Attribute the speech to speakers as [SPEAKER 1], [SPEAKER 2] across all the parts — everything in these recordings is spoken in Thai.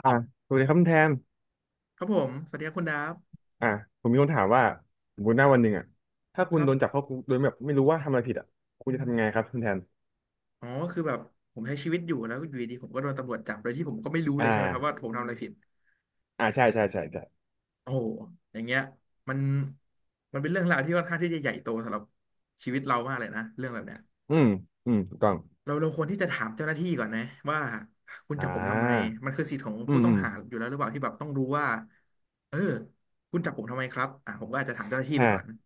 [SPEAKER 1] อ่าสวัสดีครับคุณแทน
[SPEAKER 2] ครับผม สวัสดีครับคุณดาฟ
[SPEAKER 1] อ่าผมมีคนถามว่าสมมติหน้าวันหนึ่งอ่ะถ้า
[SPEAKER 2] ค
[SPEAKER 1] คุณ
[SPEAKER 2] รั
[SPEAKER 1] โดนจับ
[SPEAKER 2] บ
[SPEAKER 1] เข้าคุกโดยแบบไม่รู้ว่าทำอะไรผิดอ่ะคุณจะทำยังไงครับคุณแทน
[SPEAKER 2] อ๋อคือแบบผมใช้ชีวิตอยู่แล้วอยู่ดีๆผมก็โดนตำรวจจับโดยที่ผมก็ไม่รู้เล
[SPEAKER 1] อ่า
[SPEAKER 2] ยใช่ไหมครับว่าผมทำอะไรผิด
[SPEAKER 1] อ่าใช่ใช่ใช่ใช่
[SPEAKER 2] โอ้โหอย่างเงี้ยมันมันเป็นเรื่องราวที่ค่อนข้างที่จะใหญ่โตสำหรับชีวิตเรามากเลยนะเรื่องแบบเนี้ย
[SPEAKER 1] อืมอืมถูกต้อง
[SPEAKER 2] เราควรที่จะถามเจ้าหน้าที่ก่อนนะว่าคุณ
[SPEAKER 1] อ่
[SPEAKER 2] จับผมทำไม
[SPEAKER 1] า
[SPEAKER 2] มันคือสิทธิ์ของ
[SPEAKER 1] อื
[SPEAKER 2] ผู้
[SPEAKER 1] ม
[SPEAKER 2] ต้อ
[SPEAKER 1] อื
[SPEAKER 2] ง
[SPEAKER 1] ม
[SPEAKER 2] หาอยู่แล้วหรือเปล่าที่แบบต้องรู้ว่าเออคุณจับผมทำไมครับอ่ะผมก็อาจจะถามเจ้าหน้าที่ไปก่อน
[SPEAKER 1] อ่า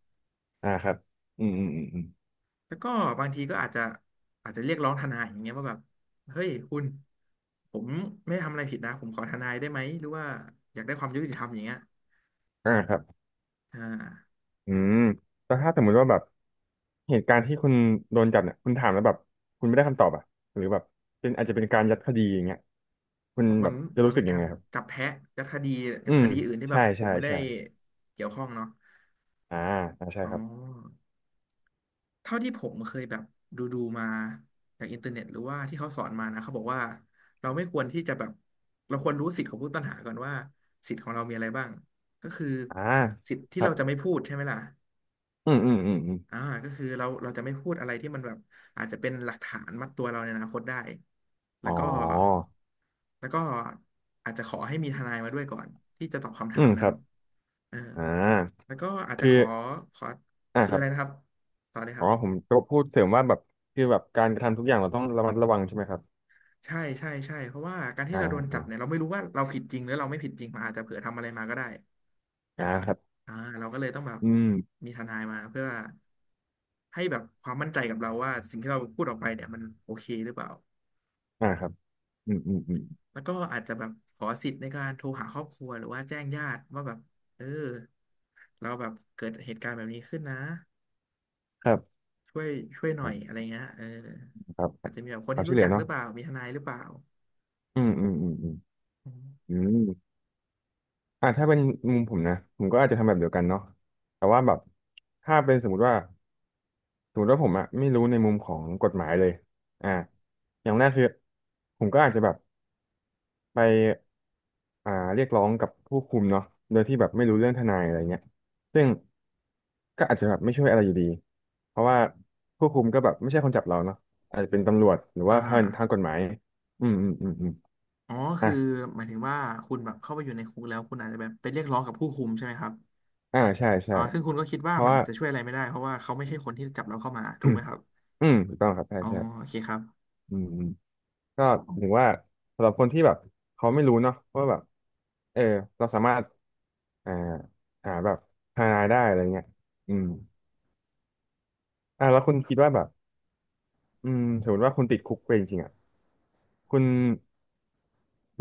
[SPEAKER 1] อ่าครับอืมอืมอืมอืม
[SPEAKER 2] แล้วก็บางทีก็อาจจะเรียกร้องทนายอย่างเงี้ยว่าแบบเฮ้ยคุณผมไม่ทำอะไรผิดนะผมขอทนายได้ไหมหรือว่าอยากได้ความยุติธรรมอย่างเงี้ย
[SPEAKER 1] อ่าครับ
[SPEAKER 2] อ่า
[SPEAKER 1] อืมแต่ถ้าสมมติว่าแบบเหตุการณ์ที่คุณโดนจับเนี่ยคุณถามแล้วแบบคุณไม่ได้คำตอบอ่ะหรือแบบเป็นอาจจะเป็นการยัดคดีอย่างเงี้ยคุณ
[SPEAKER 2] มั
[SPEAKER 1] แบ
[SPEAKER 2] น
[SPEAKER 1] บจะ
[SPEAKER 2] มัน
[SPEAKER 1] รู้
[SPEAKER 2] เป็
[SPEAKER 1] สึ
[SPEAKER 2] น
[SPEAKER 1] กยั
[SPEAKER 2] กา
[SPEAKER 1] ง
[SPEAKER 2] ร
[SPEAKER 1] ไงครับ
[SPEAKER 2] จับแพะยัดคดีอ
[SPEAKER 1] อื
[SPEAKER 2] ย่างค
[SPEAKER 1] ม
[SPEAKER 2] ดีอื่นที่แบ
[SPEAKER 1] ใช่
[SPEAKER 2] บผม
[SPEAKER 1] ใช่
[SPEAKER 2] ไม่ได้
[SPEAKER 1] ใช่
[SPEAKER 2] เกี่ยวข้องเนาะ
[SPEAKER 1] อ่าอ่าใช่
[SPEAKER 2] อ๋อ
[SPEAKER 1] ครับ
[SPEAKER 2] เท่าที่ผมเคยแบบดูมาจากอินเทอร์เน็ตหรือว่าที่เขาสอนมานะเขาบอกว่าเราไม่ควรที่จะแบบเราควรรู้สิทธิ์ของผู้ต้องหาก่อนว่าสิทธิ์ของเรามีอะไรบ้างก็คือ
[SPEAKER 1] อ่า
[SPEAKER 2] สิทธิ์
[SPEAKER 1] ค
[SPEAKER 2] ที่
[SPEAKER 1] รั
[SPEAKER 2] เรา
[SPEAKER 1] บ
[SPEAKER 2] จะไม่พูดใช่ไหมล่ะ
[SPEAKER 1] อืมอืมอืมอืม
[SPEAKER 2] อ่าก็คือเราจะไม่พูดอะไรที่มันแบบอาจจะเป็นหลักฐานมัดตัวเราในอนาคตได้แล้
[SPEAKER 1] อ๋อ
[SPEAKER 2] วก็แล้วก็อาจจะขอให้มีทนายมาด้วยก่อนที่จะตอบคำ
[SPEAKER 1] อื
[SPEAKER 2] ถาม
[SPEAKER 1] มค
[SPEAKER 2] นั้
[SPEAKER 1] รั
[SPEAKER 2] น
[SPEAKER 1] บ
[SPEAKER 2] เออ
[SPEAKER 1] อ่า
[SPEAKER 2] แล้วก็อาจจะ
[SPEAKER 1] คื
[SPEAKER 2] ข
[SPEAKER 1] อ
[SPEAKER 2] อขอ
[SPEAKER 1] อ่า
[SPEAKER 2] คือ
[SPEAKER 1] ครั
[SPEAKER 2] อะไรนะค
[SPEAKER 1] บ
[SPEAKER 2] รับต่อเลยค
[SPEAKER 1] อ๋
[SPEAKER 2] รั
[SPEAKER 1] อ
[SPEAKER 2] บ
[SPEAKER 1] ผมจะพูดเสริมว่าแบบคือแบบการกระทำทุกอย่างเราต้องระมัดระวังใช่ไหมครับ
[SPEAKER 2] ใช่ใช่ใช่เพราะว่าการที่
[SPEAKER 1] อ่า
[SPEAKER 2] เราโดนจั
[SPEAKER 1] อ่า
[SPEAKER 2] บเนี่ยเราไม่รู้ว่าเราผิดจริงหรือเราไม่ผิดจริงมันอาจจะเผื่อทำอะไรมาก็ได้
[SPEAKER 1] อ่าครับ
[SPEAKER 2] อ่าเราก็เลยต้องแบบ
[SPEAKER 1] อืม
[SPEAKER 2] มีทนายมาเพื่อให้แบบความมั่นใจกับเราว่าสิ่งที่เราพูดออกไปเนี่ยมันโอเคหรือเปล่า
[SPEAKER 1] อ่าครับอืมอืมอืม
[SPEAKER 2] แล้วก็อาจจะแบบขอสิทธิ์ในการโทรหาครอบครัวหรือว่าแจ้งญาติว่าแบบเออเราแบบเกิดเหตุการณ์แบบนี้ขึ้นนะ
[SPEAKER 1] ครับ
[SPEAKER 2] ช่วยหน่อย
[SPEAKER 1] อ่า
[SPEAKER 2] อะไรเงี้ยเออ
[SPEAKER 1] ครับค
[SPEAKER 2] อา
[SPEAKER 1] รั
[SPEAKER 2] จ
[SPEAKER 1] บ
[SPEAKER 2] จะมีแบบคน
[SPEAKER 1] ควา
[SPEAKER 2] ที่
[SPEAKER 1] มช่ว
[SPEAKER 2] รู้
[SPEAKER 1] ยเหลื
[SPEAKER 2] จั
[SPEAKER 1] อ
[SPEAKER 2] กห
[SPEAKER 1] เนาะ
[SPEAKER 2] รือเปล่ามีทนายหรือเปล่า
[SPEAKER 1] อืมอืมอืมอืม
[SPEAKER 2] อม
[SPEAKER 1] อืมอ่าถ้าเป็นมุมผมนะผมก็อาจจะทำแบบเดียวกันเนาะแต่ว่าแบบถ้าเป็นสมมติว่าสมมติว่าผมอะไม่รู้ในมุมของกฎหมายเลยอ่าอย่างแรกคือผมก็อาจจะแบบ ไปอ่าเรียกร้องกับผู้คุมเนาะโดยที่แบบไม่รู้เรื่องทนายอะไรเงี้ยซึ่งก็อาจจะแบบไม่ช่วยอะไรอยู่ดีเพราะว่าผู้คุมก็แบบไม่ใช่คนจับเราเนาะอาจจะเป็นตำรวจหรือ
[SPEAKER 2] อ่า
[SPEAKER 1] ว่าทางทางกฎหมายอืมอืมอืมอืม
[SPEAKER 2] อ๋อ
[SPEAKER 1] อ่ะ
[SPEAKER 2] คือหมายถึงว่าคุณแบบเข้าไปอยู่ในคุกแล้วคุณอาจจะแบบไปเรียกร้องกับผู้คุมใช่ไหมครับ
[SPEAKER 1] อ่าใช่
[SPEAKER 2] อ๋
[SPEAKER 1] ใช่
[SPEAKER 2] อซึ่งคุณก็คิดว่า
[SPEAKER 1] เพราะ
[SPEAKER 2] มัน
[SPEAKER 1] ว่า
[SPEAKER 2] อาจจะช่วยอะไรไม่ได้เพราะว่าเขาไม่ใช่คนที่จับเราเข้ามา ถูกไหมครับ
[SPEAKER 1] อืมถูกต้องครับใช่
[SPEAKER 2] อ๋อโอ
[SPEAKER 1] ใช่
[SPEAKER 2] เคครับ
[SPEAKER 1] อืมอืมก็ถึงว่าสำหรับคนที่แบบเขาไม่รู้เนาะว่าแบบเออเราสามารถอ่าหาแบบทนายได้อะไรเงี้ยอืมอ่าแล้วคุณคิดว่าแบบ อืมสมมติว่าคุณติดคุกไปจริงๆอ่ะคุณ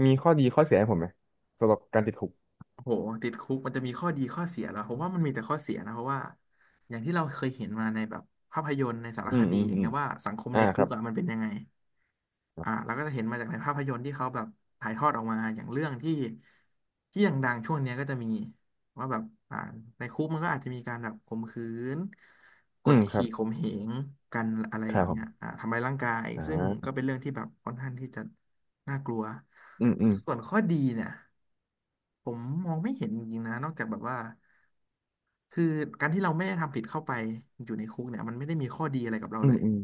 [SPEAKER 1] มีข้อดีข้อเสียให้ผมไหมสำหรับการติดคุก
[SPEAKER 2] โหติดคุกมันจะมีข้อดีข้อเสียหรอผมว่ามันมีแต่ข้อเสียนะเพราะว่าอย่างที่เราเคยเห็นมาในแบบภาพยนตร์ในสาร
[SPEAKER 1] อื
[SPEAKER 2] ค
[SPEAKER 1] ม
[SPEAKER 2] ดี
[SPEAKER 1] อืม
[SPEAKER 2] อย่าง
[SPEAKER 1] อืม
[SPEAKER 2] เงี้ยว่าสังคม
[SPEAKER 1] อ่า
[SPEAKER 2] ใน
[SPEAKER 1] ค
[SPEAKER 2] คุ
[SPEAKER 1] รั
[SPEAKER 2] ก
[SPEAKER 1] บ
[SPEAKER 2] อะมันเป็นยังไง
[SPEAKER 1] ครั
[SPEAKER 2] อ่า
[SPEAKER 1] บ
[SPEAKER 2] เราก็จะเห็นมาจากในภาพยนตร์ที่เขาแบบถ่ายทอดออกมาอย่างเรื่องที่ดังๆช่วงเนี้ยก็จะมีว่าแบบอ่าในคุกมันก็อาจจะมีการแบบข่มขืนก
[SPEAKER 1] อื
[SPEAKER 2] ด
[SPEAKER 1] มครั
[SPEAKER 2] ขี่
[SPEAKER 1] บ
[SPEAKER 2] ข่มเหงกันอะไร
[SPEAKER 1] ค
[SPEAKER 2] อ
[SPEAKER 1] รั
[SPEAKER 2] ย่า
[SPEAKER 1] บ
[SPEAKER 2] ง
[SPEAKER 1] ผ
[SPEAKER 2] เงี้ย
[SPEAKER 1] ม
[SPEAKER 2] อ่าทำร้ายร่างกาย
[SPEAKER 1] อ่
[SPEAKER 2] ซึ่งก็
[SPEAKER 1] า
[SPEAKER 2] เป็นเรื่องที่แบบค่อนข้างที่จะน่ากลัว
[SPEAKER 1] อืมอืม
[SPEAKER 2] ส่วนข้อดีเนี่ย ผมมองไม่เห็นจริงๆนะนอกจากแบบว่าคือการที่เราไม่ได้ทำผิดเข้าไปอยู่ในคุกเนี่ยมันไม่ได้มีข้อดีอะไรกับเรา
[SPEAKER 1] อื
[SPEAKER 2] เล
[SPEAKER 1] ม
[SPEAKER 2] ย
[SPEAKER 1] อืม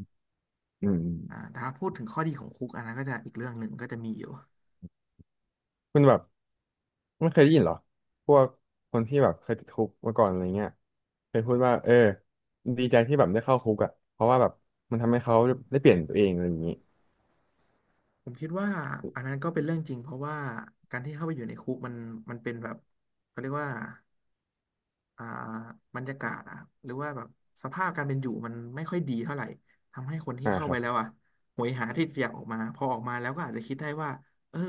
[SPEAKER 1] อืมอืม
[SPEAKER 2] อ่าแต่ถ้าพูดถึงข้อดีของคุกอันนั้นก็จะอีกเรื่องหนึ่งก็จะมีอยู่
[SPEAKER 1] คุณแบบไม่เคยได้ยินเหรอพวกคนที่แบบเคยติดคุกมาก่อนอะไรเงี้ยเคยพูดว่าเออดีใจที่แบบได้เข้าคุกอ่ะเพราะว่าแบบมันทำให้เขาได้เปลี่ยนตัวเองอะไรอย่างนี้
[SPEAKER 2] ผมคิดว่าอันนั้นก็เป็นเรื่องจริงเพราะว่าการที่เข้าไปอยู่ในคุกมันเป็นแบบเขาเรียกว่า อ่าบรรยากาศอะหรือว่าแบบสภาพการเป็นอยู่มันไม่ค่อยดีเท่าไหร่ทำให้คนที่
[SPEAKER 1] อ่า
[SPEAKER 2] เข้า
[SPEAKER 1] ค
[SPEAKER 2] ไป
[SPEAKER 1] รับ
[SPEAKER 2] แล้วอ่ะโหยหาที่จะอยากออกมาพอออกมาแล้วก็อาจจะคิดได้ว่าเออ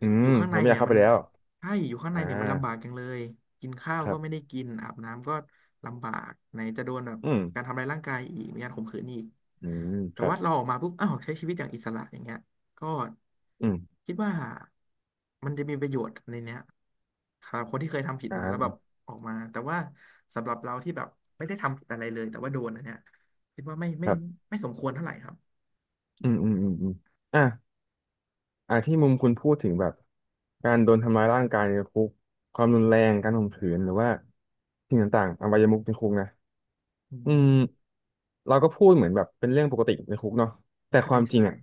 [SPEAKER 1] อื
[SPEAKER 2] อ
[SPEAKER 1] ม
[SPEAKER 2] ยู่ข้างใน
[SPEAKER 1] เราไม่อยา
[SPEAKER 2] เนี่
[SPEAKER 1] ก
[SPEAKER 2] ย
[SPEAKER 1] เข้า
[SPEAKER 2] มั
[SPEAKER 1] ไป
[SPEAKER 2] น
[SPEAKER 1] แล้ว
[SPEAKER 2] อยู่ข้างใน
[SPEAKER 1] อ่
[SPEAKER 2] เนี่ยมันลำบาก
[SPEAKER 1] า
[SPEAKER 2] จังเลยกินข้าว
[SPEAKER 1] ครั
[SPEAKER 2] ก็
[SPEAKER 1] บ
[SPEAKER 2] ไม่ได้กินอาบน้ำก็ลำบากไหนจะโดนแบบ
[SPEAKER 1] อืม
[SPEAKER 2] การทำลายร่างกายอีกมีการข่มขืนอีก
[SPEAKER 1] อืมค
[SPEAKER 2] แต่
[SPEAKER 1] รับ
[SPEAKER 2] ว่าเราออกมาปุ๊บอ้าวใช้ชีวิตอย่างอิสระอย่างเงี้ย ก็
[SPEAKER 1] อืม
[SPEAKER 2] คิดว่ามันจะมีประโยชน์ในเนี้ยสำหรับคนที่เคยทำผิดมาแล้วแบบ
[SPEAKER 1] อ่า
[SPEAKER 2] ออกมาแต่ว่าสำหรับเราที่แบบไม่ได้ทำผิดอะไรเลยแต่ว่าโดนอันเนี้ยคิดว่า
[SPEAKER 1] ครับ
[SPEAKER 2] ไม่สมควรเท่าไหร่ครับ
[SPEAKER 1] อืมอืมอืมอืมอ่ะอ่ะที่มุมคุณพูดถึงแบบการโดนทำร้ายร่างกายในคุกความรุนแรงการข่มขืนหรือว่าสิ่งต่างๆอวัยมุขในคุกนะ
[SPEAKER 2] อื
[SPEAKER 1] อืม
[SPEAKER 2] ม
[SPEAKER 1] เราก็พูดเหมือนแบบเป็นเรื่องปกติในคุกเนาะแต่ค
[SPEAKER 2] ใช่
[SPEAKER 1] วามจริ
[SPEAKER 2] ใช่
[SPEAKER 1] งอ่ะ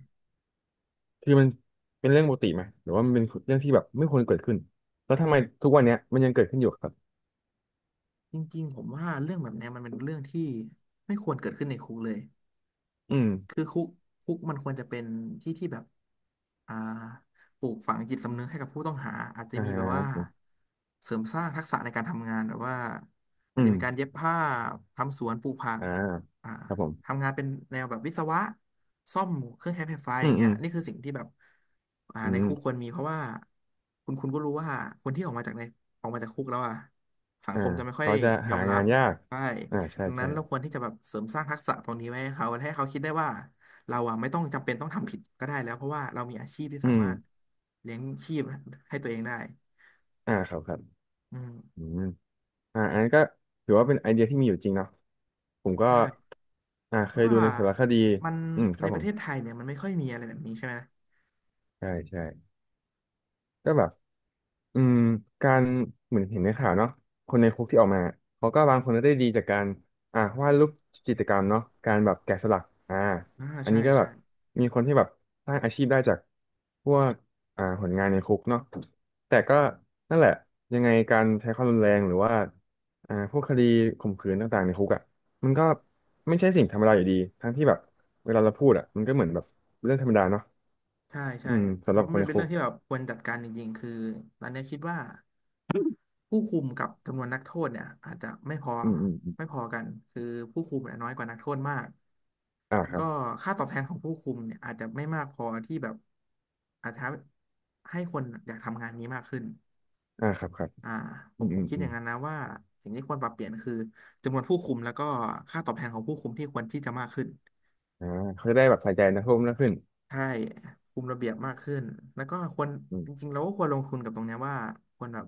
[SPEAKER 1] คือมันเป็นเรื่องปกติไหมหรือว่ามันเป็นเรื่องที่แบบไม่ควรเกิดขึ้นแล้วทำไมทุกวันเนี้ยมันยังเกิดขึ้นอยู่ครับ
[SPEAKER 2] จริงๆผมว่าเรื่องแบบเนี้ยมันเป็นเรื่องที่ไม่ควรเกิดขึ้นในคุกเลย
[SPEAKER 1] อืม
[SPEAKER 2] คือคุกมันควรจะเป็นที่ที่แบบอ่าปลูกฝังจิตสำนึกให้กับผู้ต้องหา อาจจะ
[SPEAKER 1] อ่
[SPEAKER 2] มีแบบว่า
[SPEAKER 1] า
[SPEAKER 2] เสริมสร้างทักษะในการทำงาน แบบว่าอา
[SPEAKER 1] อื
[SPEAKER 2] จจะ
[SPEAKER 1] ม
[SPEAKER 2] มีการเย็บผ้าทำสวนปลูกผัก
[SPEAKER 1] อ่า
[SPEAKER 2] อ่า
[SPEAKER 1] ครับผม
[SPEAKER 2] ทำงานเป็นแนวแบบวิศวะซ่อมเครื่องใช้ไฟฟ้าอ
[SPEAKER 1] อื
[SPEAKER 2] ย่า
[SPEAKER 1] ม
[SPEAKER 2] ง
[SPEAKER 1] อื
[SPEAKER 2] เงี้ย
[SPEAKER 1] ม
[SPEAKER 2] นี่คือสิ่งที่แบบ
[SPEAKER 1] อื
[SPEAKER 2] ใน
[SPEAKER 1] ม
[SPEAKER 2] คุกควรมีเพราะว่าคุณก็รู้ว่าคนที่ออกมาจากในออกมาจากคุกแล้วอ่ะสัง
[SPEAKER 1] อ่า
[SPEAKER 2] คมจะไม่ค่อย
[SPEAKER 1] เขาจะ
[SPEAKER 2] ยอ
[SPEAKER 1] หา
[SPEAKER 2] มรั
[SPEAKER 1] งา
[SPEAKER 2] บ
[SPEAKER 1] นยาก
[SPEAKER 2] ใช่
[SPEAKER 1] อ่าใช่
[SPEAKER 2] ดังนั้
[SPEAKER 1] ใช่
[SPEAKER 2] นเราควรที่จะแบบเสริมสร้างทักษะตรงนี้ไว้ให้เขา ให้เขาคิดได้ว่าเราอะไม่ต้องจำเป็นต้องทำผิดก็ได้แล้ว เพราะว่าเรามีอาชีพที่
[SPEAKER 1] อื
[SPEAKER 2] สา
[SPEAKER 1] ม
[SPEAKER 2] มารถเลี้ยงชีพให้ตัวเองได้
[SPEAKER 1] อ่าครับครับ
[SPEAKER 2] อืม
[SPEAKER 1] อืม อ่าอันนั้นก็ถือว่าเป็นไอเดียที่มีอยู่จริงเนาะผมก็
[SPEAKER 2] ใช่
[SPEAKER 1] อ่า
[SPEAKER 2] เพ
[SPEAKER 1] เค
[SPEAKER 2] ราะ
[SPEAKER 1] ยดู
[SPEAKER 2] ว่า
[SPEAKER 1] ในสารคดี
[SPEAKER 2] มัน
[SPEAKER 1] อืมค
[SPEAKER 2] ใน
[SPEAKER 1] รับ
[SPEAKER 2] ป
[SPEAKER 1] ผ
[SPEAKER 2] ระ
[SPEAKER 1] ม
[SPEAKER 2] เทศไทยเนี่ยมันไม่ค่อยมีอะไรแบบนี้ใช่ไหม
[SPEAKER 1] ใช่ใช่ก็แบบ อืมการเหมือนเห็นในข่าวเนาะคนในคุกที่ออกมาเขาก็บางคนก็ได้ดีจากการอ่าวาดรูปจิตรกรรมเนาะการแบบแกะสลักอ่า
[SPEAKER 2] อ่า
[SPEAKER 1] อัน
[SPEAKER 2] ใช่
[SPEAKER 1] นี้ก็แบ
[SPEAKER 2] ใช่
[SPEAKER 1] บมีคนที่แบบสร้างอาชีพได้จากพวกอ่าผลงานในคุกเนาะแต่ก็นั่นแหละยังไงการใช้ความรุนแรงหรือว่าอ่าพวกคดีข่มขืนต่างๆในคุกอ่ะมันก็ไม่ใช่สิ่งธรรมดาอยู่ดีทั้งที่แบบเวลาเราพูดอ่ะมันก็เหมือนแบบเรื่องธรรมดาเนาะ
[SPEAKER 2] ใช่
[SPEAKER 1] อื
[SPEAKER 2] ใช่
[SPEAKER 1] ม
[SPEAKER 2] แต่
[SPEAKER 1] สำหรับ
[SPEAKER 2] ว่า
[SPEAKER 1] คน
[SPEAKER 2] มัน
[SPEAKER 1] ใน
[SPEAKER 2] เป็น
[SPEAKER 1] คุ
[SPEAKER 2] เรื่อ
[SPEAKER 1] ก
[SPEAKER 2] งที่แบบควรจัดการจริงๆ คือตอนเนี้ยคิดว่า ผู้คุมกับจำนวนนักโทษเนี่ยอาจจะไม่พอ
[SPEAKER 1] อืมอืมอม
[SPEAKER 2] กันคือผู้คุมเนี่ยน้อยกว่านักโทษมาก
[SPEAKER 1] อ่า
[SPEAKER 2] แล้ว
[SPEAKER 1] ครั
[SPEAKER 2] ก็
[SPEAKER 1] บ
[SPEAKER 2] ค่าตอบแทนของผู้คุมเนี่ยอาจจะไม่มากพอที่แบบอาจจะให้คนอยากทำงานนี้มากขึ้น
[SPEAKER 1] อ่าครับครับ
[SPEAKER 2] อ่าผ
[SPEAKER 1] อื
[SPEAKER 2] ม
[SPEAKER 1] ม
[SPEAKER 2] ผ
[SPEAKER 1] อื
[SPEAKER 2] ม
[SPEAKER 1] ม
[SPEAKER 2] คิด
[SPEAKER 1] อื
[SPEAKER 2] อ
[SPEAKER 1] ม
[SPEAKER 2] ย่างนั้นนะว่าสิ่งที่ควรปรับเปลี่ยนคือจำนวนผู้คุมแล้วก็ค่าตอบแทนของผู้คุมที่ควรที่จะมากขึ้น
[SPEAKER 1] อ่าเขาจะได้แบบใส่ใจนักโ่ษมากขึ้น
[SPEAKER 2] ใช่คุมระเบียบมากขึ้นแล้วก็ควร
[SPEAKER 1] อืม
[SPEAKER 2] จริงๆเราก็ควรลงทุนกับตรงเนี้ยว่าควรแบบ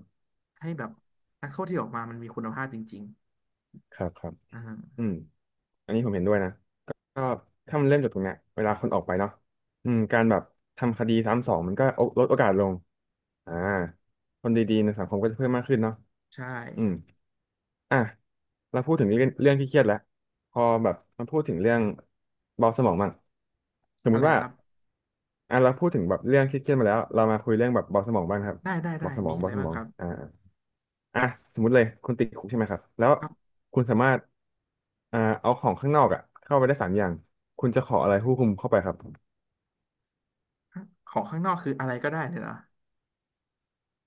[SPEAKER 2] ให้แบบนักโทษที่ออกมามันมีคุณภาพจริง
[SPEAKER 1] ครับครับ
[SPEAKER 2] ๆ
[SPEAKER 1] อืมอันนี้ผมเห็นด้วยนะก็ถ้ามันเริ่มจากตรงเนี้ยเวลาคนออกไปเนาะอืมการแบบทำคดีซ้ำสองมันก็ลดโอกาสลงอ่าคนดีๆในสังคมก็จะเพิ่มมากขึ้นเนาะ
[SPEAKER 2] ใช่
[SPEAKER 1] อืมอ่ะเราพูดถึงเรื่องที่เครียดแล้วพอแบบมาพูดถึงเรื่องเบาสมองบ้างสม
[SPEAKER 2] อะ
[SPEAKER 1] มุ
[SPEAKER 2] ไร
[SPEAKER 1] ติว่า
[SPEAKER 2] นะครับ
[SPEAKER 1] อ่ะเราพูดถึงแบบเรื่องเครียดๆมาแล้วเรามาคุยเรื่องแบบเบาสมองบ้างครับ
[SPEAKER 2] ได้ได้ได้
[SPEAKER 1] เบาสมอ
[SPEAKER 2] มี
[SPEAKER 1] ง
[SPEAKER 2] อะ
[SPEAKER 1] เบา
[SPEAKER 2] ไร
[SPEAKER 1] ส
[SPEAKER 2] บ้า
[SPEAKER 1] ม
[SPEAKER 2] ง
[SPEAKER 1] อ
[SPEAKER 2] ค
[SPEAKER 1] ง
[SPEAKER 2] รับ
[SPEAKER 1] อ่า อ่ะสมมติเลยคุณติดคุกใช่ไหมครับแล้ว
[SPEAKER 2] ครับ
[SPEAKER 1] คุณสามารถอ่าเอาของข้างนอกอ่ะเข้าไปได้สามอย่างคุณจะขออะไรผู้คุมเข้าไปครับ
[SPEAKER 2] ของข้างนอกคืออะไรก็ได้เลยนะ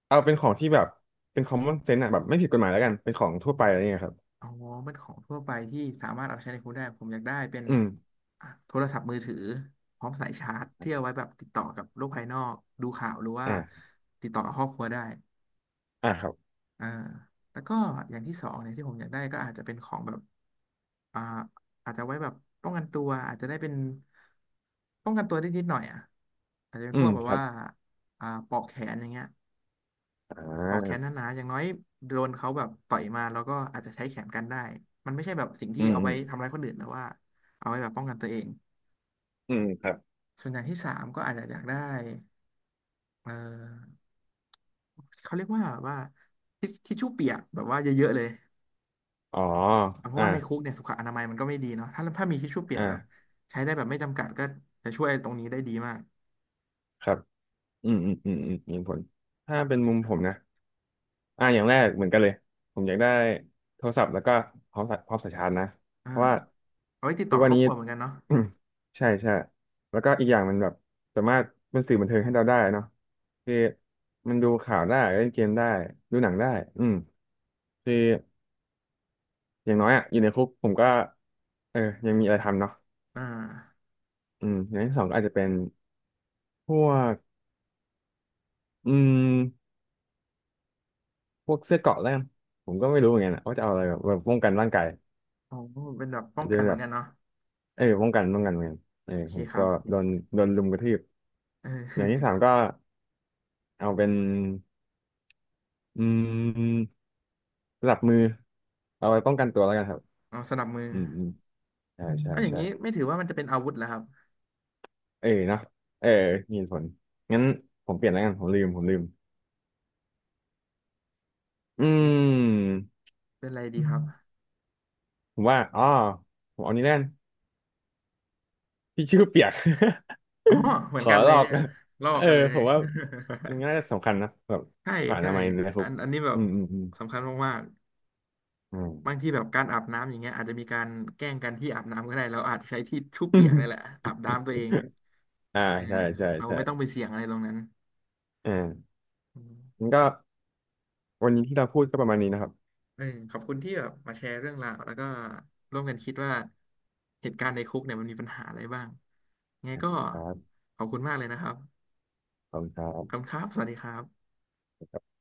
[SPEAKER 1] เอาเป็นของที่แบบเป็น common sense อ่ะแบบไม่ผิดกฎหมายแล้วกันเป็นของทั่วไปอะไรเงี้ยครับ
[SPEAKER 2] อ๋อมันของทั่วไปที่สามารถเอาไปใช้ในครัวได้ผมอยากได้เป็น
[SPEAKER 1] อืม
[SPEAKER 2] อ่ะโทรศัพท์มือถือพร้อมสายชาร์จที่เอาไว้แบบติดต่อกับโลกภายนอกดูข่าวหรือว่า
[SPEAKER 1] อ่า
[SPEAKER 2] ติดต่อกับครอบครัวได้
[SPEAKER 1] อ่าครับ
[SPEAKER 2] อ่าแล้วก็อย่างที่สองเนี่ยที่ผมอยากได้ก็อาจจะเป็นของแบบอ่าอาจจะไว้แบบป้องกันตัวอาจจะได้เป็นป้องกันตัวได้นิดหน่อยอ่ะอาจจะเป็น
[SPEAKER 1] อื
[SPEAKER 2] พว
[SPEAKER 1] ม
[SPEAKER 2] กแบบ
[SPEAKER 1] ครั
[SPEAKER 2] ว่า
[SPEAKER 1] บ
[SPEAKER 2] ปลอกแขนอย่างเงี้ย
[SPEAKER 1] อ่
[SPEAKER 2] พอกแขน
[SPEAKER 1] า
[SPEAKER 2] หนาๆอย่างน้อยโดนเขาแบบต่อยมาแล้วก็อาจจะใช้แขนกันได้มันไม่ใช่แบบสิ่งที่
[SPEAKER 1] อืม
[SPEAKER 2] เอา
[SPEAKER 1] อื
[SPEAKER 2] ไว้
[SPEAKER 1] ม
[SPEAKER 2] ทำร้ายคนอื่นแต่ว่าเอาไว้แบบป้องกันตัวเอง
[SPEAKER 1] อืมครับ
[SPEAKER 2] ส่วนอย่างที่สามก็อาจจะอยากได้เออเขาเรียกว่าทิชชู่เปียกแบบว่าเยอะๆเลย
[SPEAKER 1] อ๋อ
[SPEAKER 2] อ่ะเพราะ
[SPEAKER 1] อ่า
[SPEAKER 2] ว่าในคุกเนี่ยสุขอนามัยมันก็ไม่ดีเนาะถ้ามีทิชชู่เปียกแบบ
[SPEAKER 1] อ่า
[SPEAKER 2] ใช้ได้แบบไม่จำกัดก็จะช่วยตรงนี้ได้ดีมาก
[SPEAKER 1] ครับอืมอืมอืมอืมมีผลถ้าเป็นมุมผมนะ อ่าอย่างแรกเหมือนกันเลยผมอยากได้โทรศัพท์แล้วก็พร้อมสายชาร์จนะ
[SPEAKER 2] อ่า
[SPEAKER 1] เพราะว่า
[SPEAKER 2] เอาไว้ติดต่
[SPEAKER 1] ทุก
[SPEAKER 2] อ
[SPEAKER 1] วั
[SPEAKER 2] คร
[SPEAKER 1] น
[SPEAKER 2] อบ
[SPEAKER 1] นี้
[SPEAKER 2] ครัวเหมือนกันเนาะ
[SPEAKER 1] ใช่ใช่แล้วก็อีกอย่างมันแบบสามารถเป็นสื่อบันเทิงให้เราได้เนาะคือมันดูข่าวได้เล่นเกมได้ดูหนังได้อืมคืออย่างน้อยอ่ะอยู่ในคุกผมก็เออยังมีอะไรทำเนาะ
[SPEAKER 2] อ่า
[SPEAKER 1] อืมอย่างที่สองก็อาจจะเป็นพวกอืมพวกเสื้อเกราะแล้วกันผมก็ไม่รู้เหมือนกันอะว่าจะเอาอะไรแบบป้องกันร่างกาย
[SPEAKER 2] อ๋อเป็นแบบป้อ
[SPEAKER 1] อาจ
[SPEAKER 2] ง
[SPEAKER 1] จะ
[SPEAKER 2] กัน
[SPEAKER 1] เป็น
[SPEAKER 2] เหมื
[SPEAKER 1] แบ
[SPEAKER 2] อน
[SPEAKER 1] บ
[SPEAKER 2] กันเนาะ
[SPEAKER 1] เออป้องกันเหมือนกันเออ
[SPEAKER 2] โอเค
[SPEAKER 1] ผม
[SPEAKER 2] ครั
[SPEAKER 1] ก็
[SPEAKER 2] บโอเค
[SPEAKER 1] โดนโดนลุมกระทืบ
[SPEAKER 2] เอ
[SPEAKER 1] อย่างที่สา
[SPEAKER 2] อ
[SPEAKER 1] มก็เอาเป็นอืมสะับมือเอาไว้ป้องกันตัวแล้วกันครับ
[SPEAKER 2] เอาสนับมือ
[SPEAKER 1] อืมอืมใช่อใช่
[SPEAKER 2] เอาอย่าง
[SPEAKER 1] ใช่
[SPEAKER 2] นี้ไม่ถือว่ามันจะเป็นอาวุธแล้วครับ
[SPEAKER 1] เออเนาะเออมีเหตุผลงั้นผมเปลี่ยนแล้วกันผมลืมอืม
[SPEAKER 2] เป็นอะไรดี
[SPEAKER 1] อื
[SPEAKER 2] ครับ
[SPEAKER 1] มผมว่าอ๋อผมเอานี้แล้วกันที่ชื่อเปียก
[SPEAKER 2] อ๋อเห มื
[SPEAKER 1] ข
[SPEAKER 2] อน
[SPEAKER 1] อ
[SPEAKER 2] กันเล
[SPEAKER 1] ล
[SPEAKER 2] ย
[SPEAKER 1] อก
[SPEAKER 2] เนี่ย
[SPEAKER 1] นะ
[SPEAKER 2] ลอ
[SPEAKER 1] เอ
[SPEAKER 2] ก
[SPEAKER 1] อ
[SPEAKER 2] กันเล
[SPEAKER 1] ผ
[SPEAKER 2] ย
[SPEAKER 1] มว่ามันน่าจะสำคัญนะแบบ
[SPEAKER 2] ใช่
[SPEAKER 1] ผ่าน
[SPEAKER 2] ใช่
[SPEAKER 1] ทำไมยในคุ
[SPEAKER 2] อั
[SPEAKER 1] ก
[SPEAKER 2] นอันนี้แบบ
[SPEAKER 1] อืมอืมอืม
[SPEAKER 2] สำคัญมากๆบา
[SPEAKER 1] อ
[SPEAKER 2] งทีแบบการอาบน้ำอย่างเงี้ยอาจจะมีการแกล้งกันที่อาบน้ำก็ได้เราอาจจะใช้ที่ชุบ
[SPEAKER 1] ื
[SPEAKER 2] เปียก
[SPEAKER 1] ม
[SPEAKER 2] นี่แห ละอาบน้ำตัวเอง
[SPEAKER 1] อ่า
[SPEAKER 2] เออ
[SPEAKER 1] ใช่ใช่
[SPEAKER 2] เรา
[SPEAKER 1] ใช่
[SPEAKER 2] ไม่ต้องไปเสี่ยงอะไรตรงนั้น
[SPEAKER 1] อ่า
[SPEAKER 2] อืม
[SPEAKER 1] งั้นก็วันนี้ที่เราพูดก็ประมาณนี้นะครับ
[SPEAKER 2] เออขอบคุณที่แบบมาแชร์เรื่องราวแล้วก็ร่วมกันคิดว่าเหตุการณ์ในคุกเนี่ยมันมีปัญหาอะไรบ้างไงก็
[SPEAKER 1] ครับ
[SPEAKER 2] ขอบคุณมากเลยนะครับ
[SPEAKER 1] ขอบคุณครั
[SPEAKER 2] ขอบคุณครับสวัสดีครับ
[SPEAKER 1] บ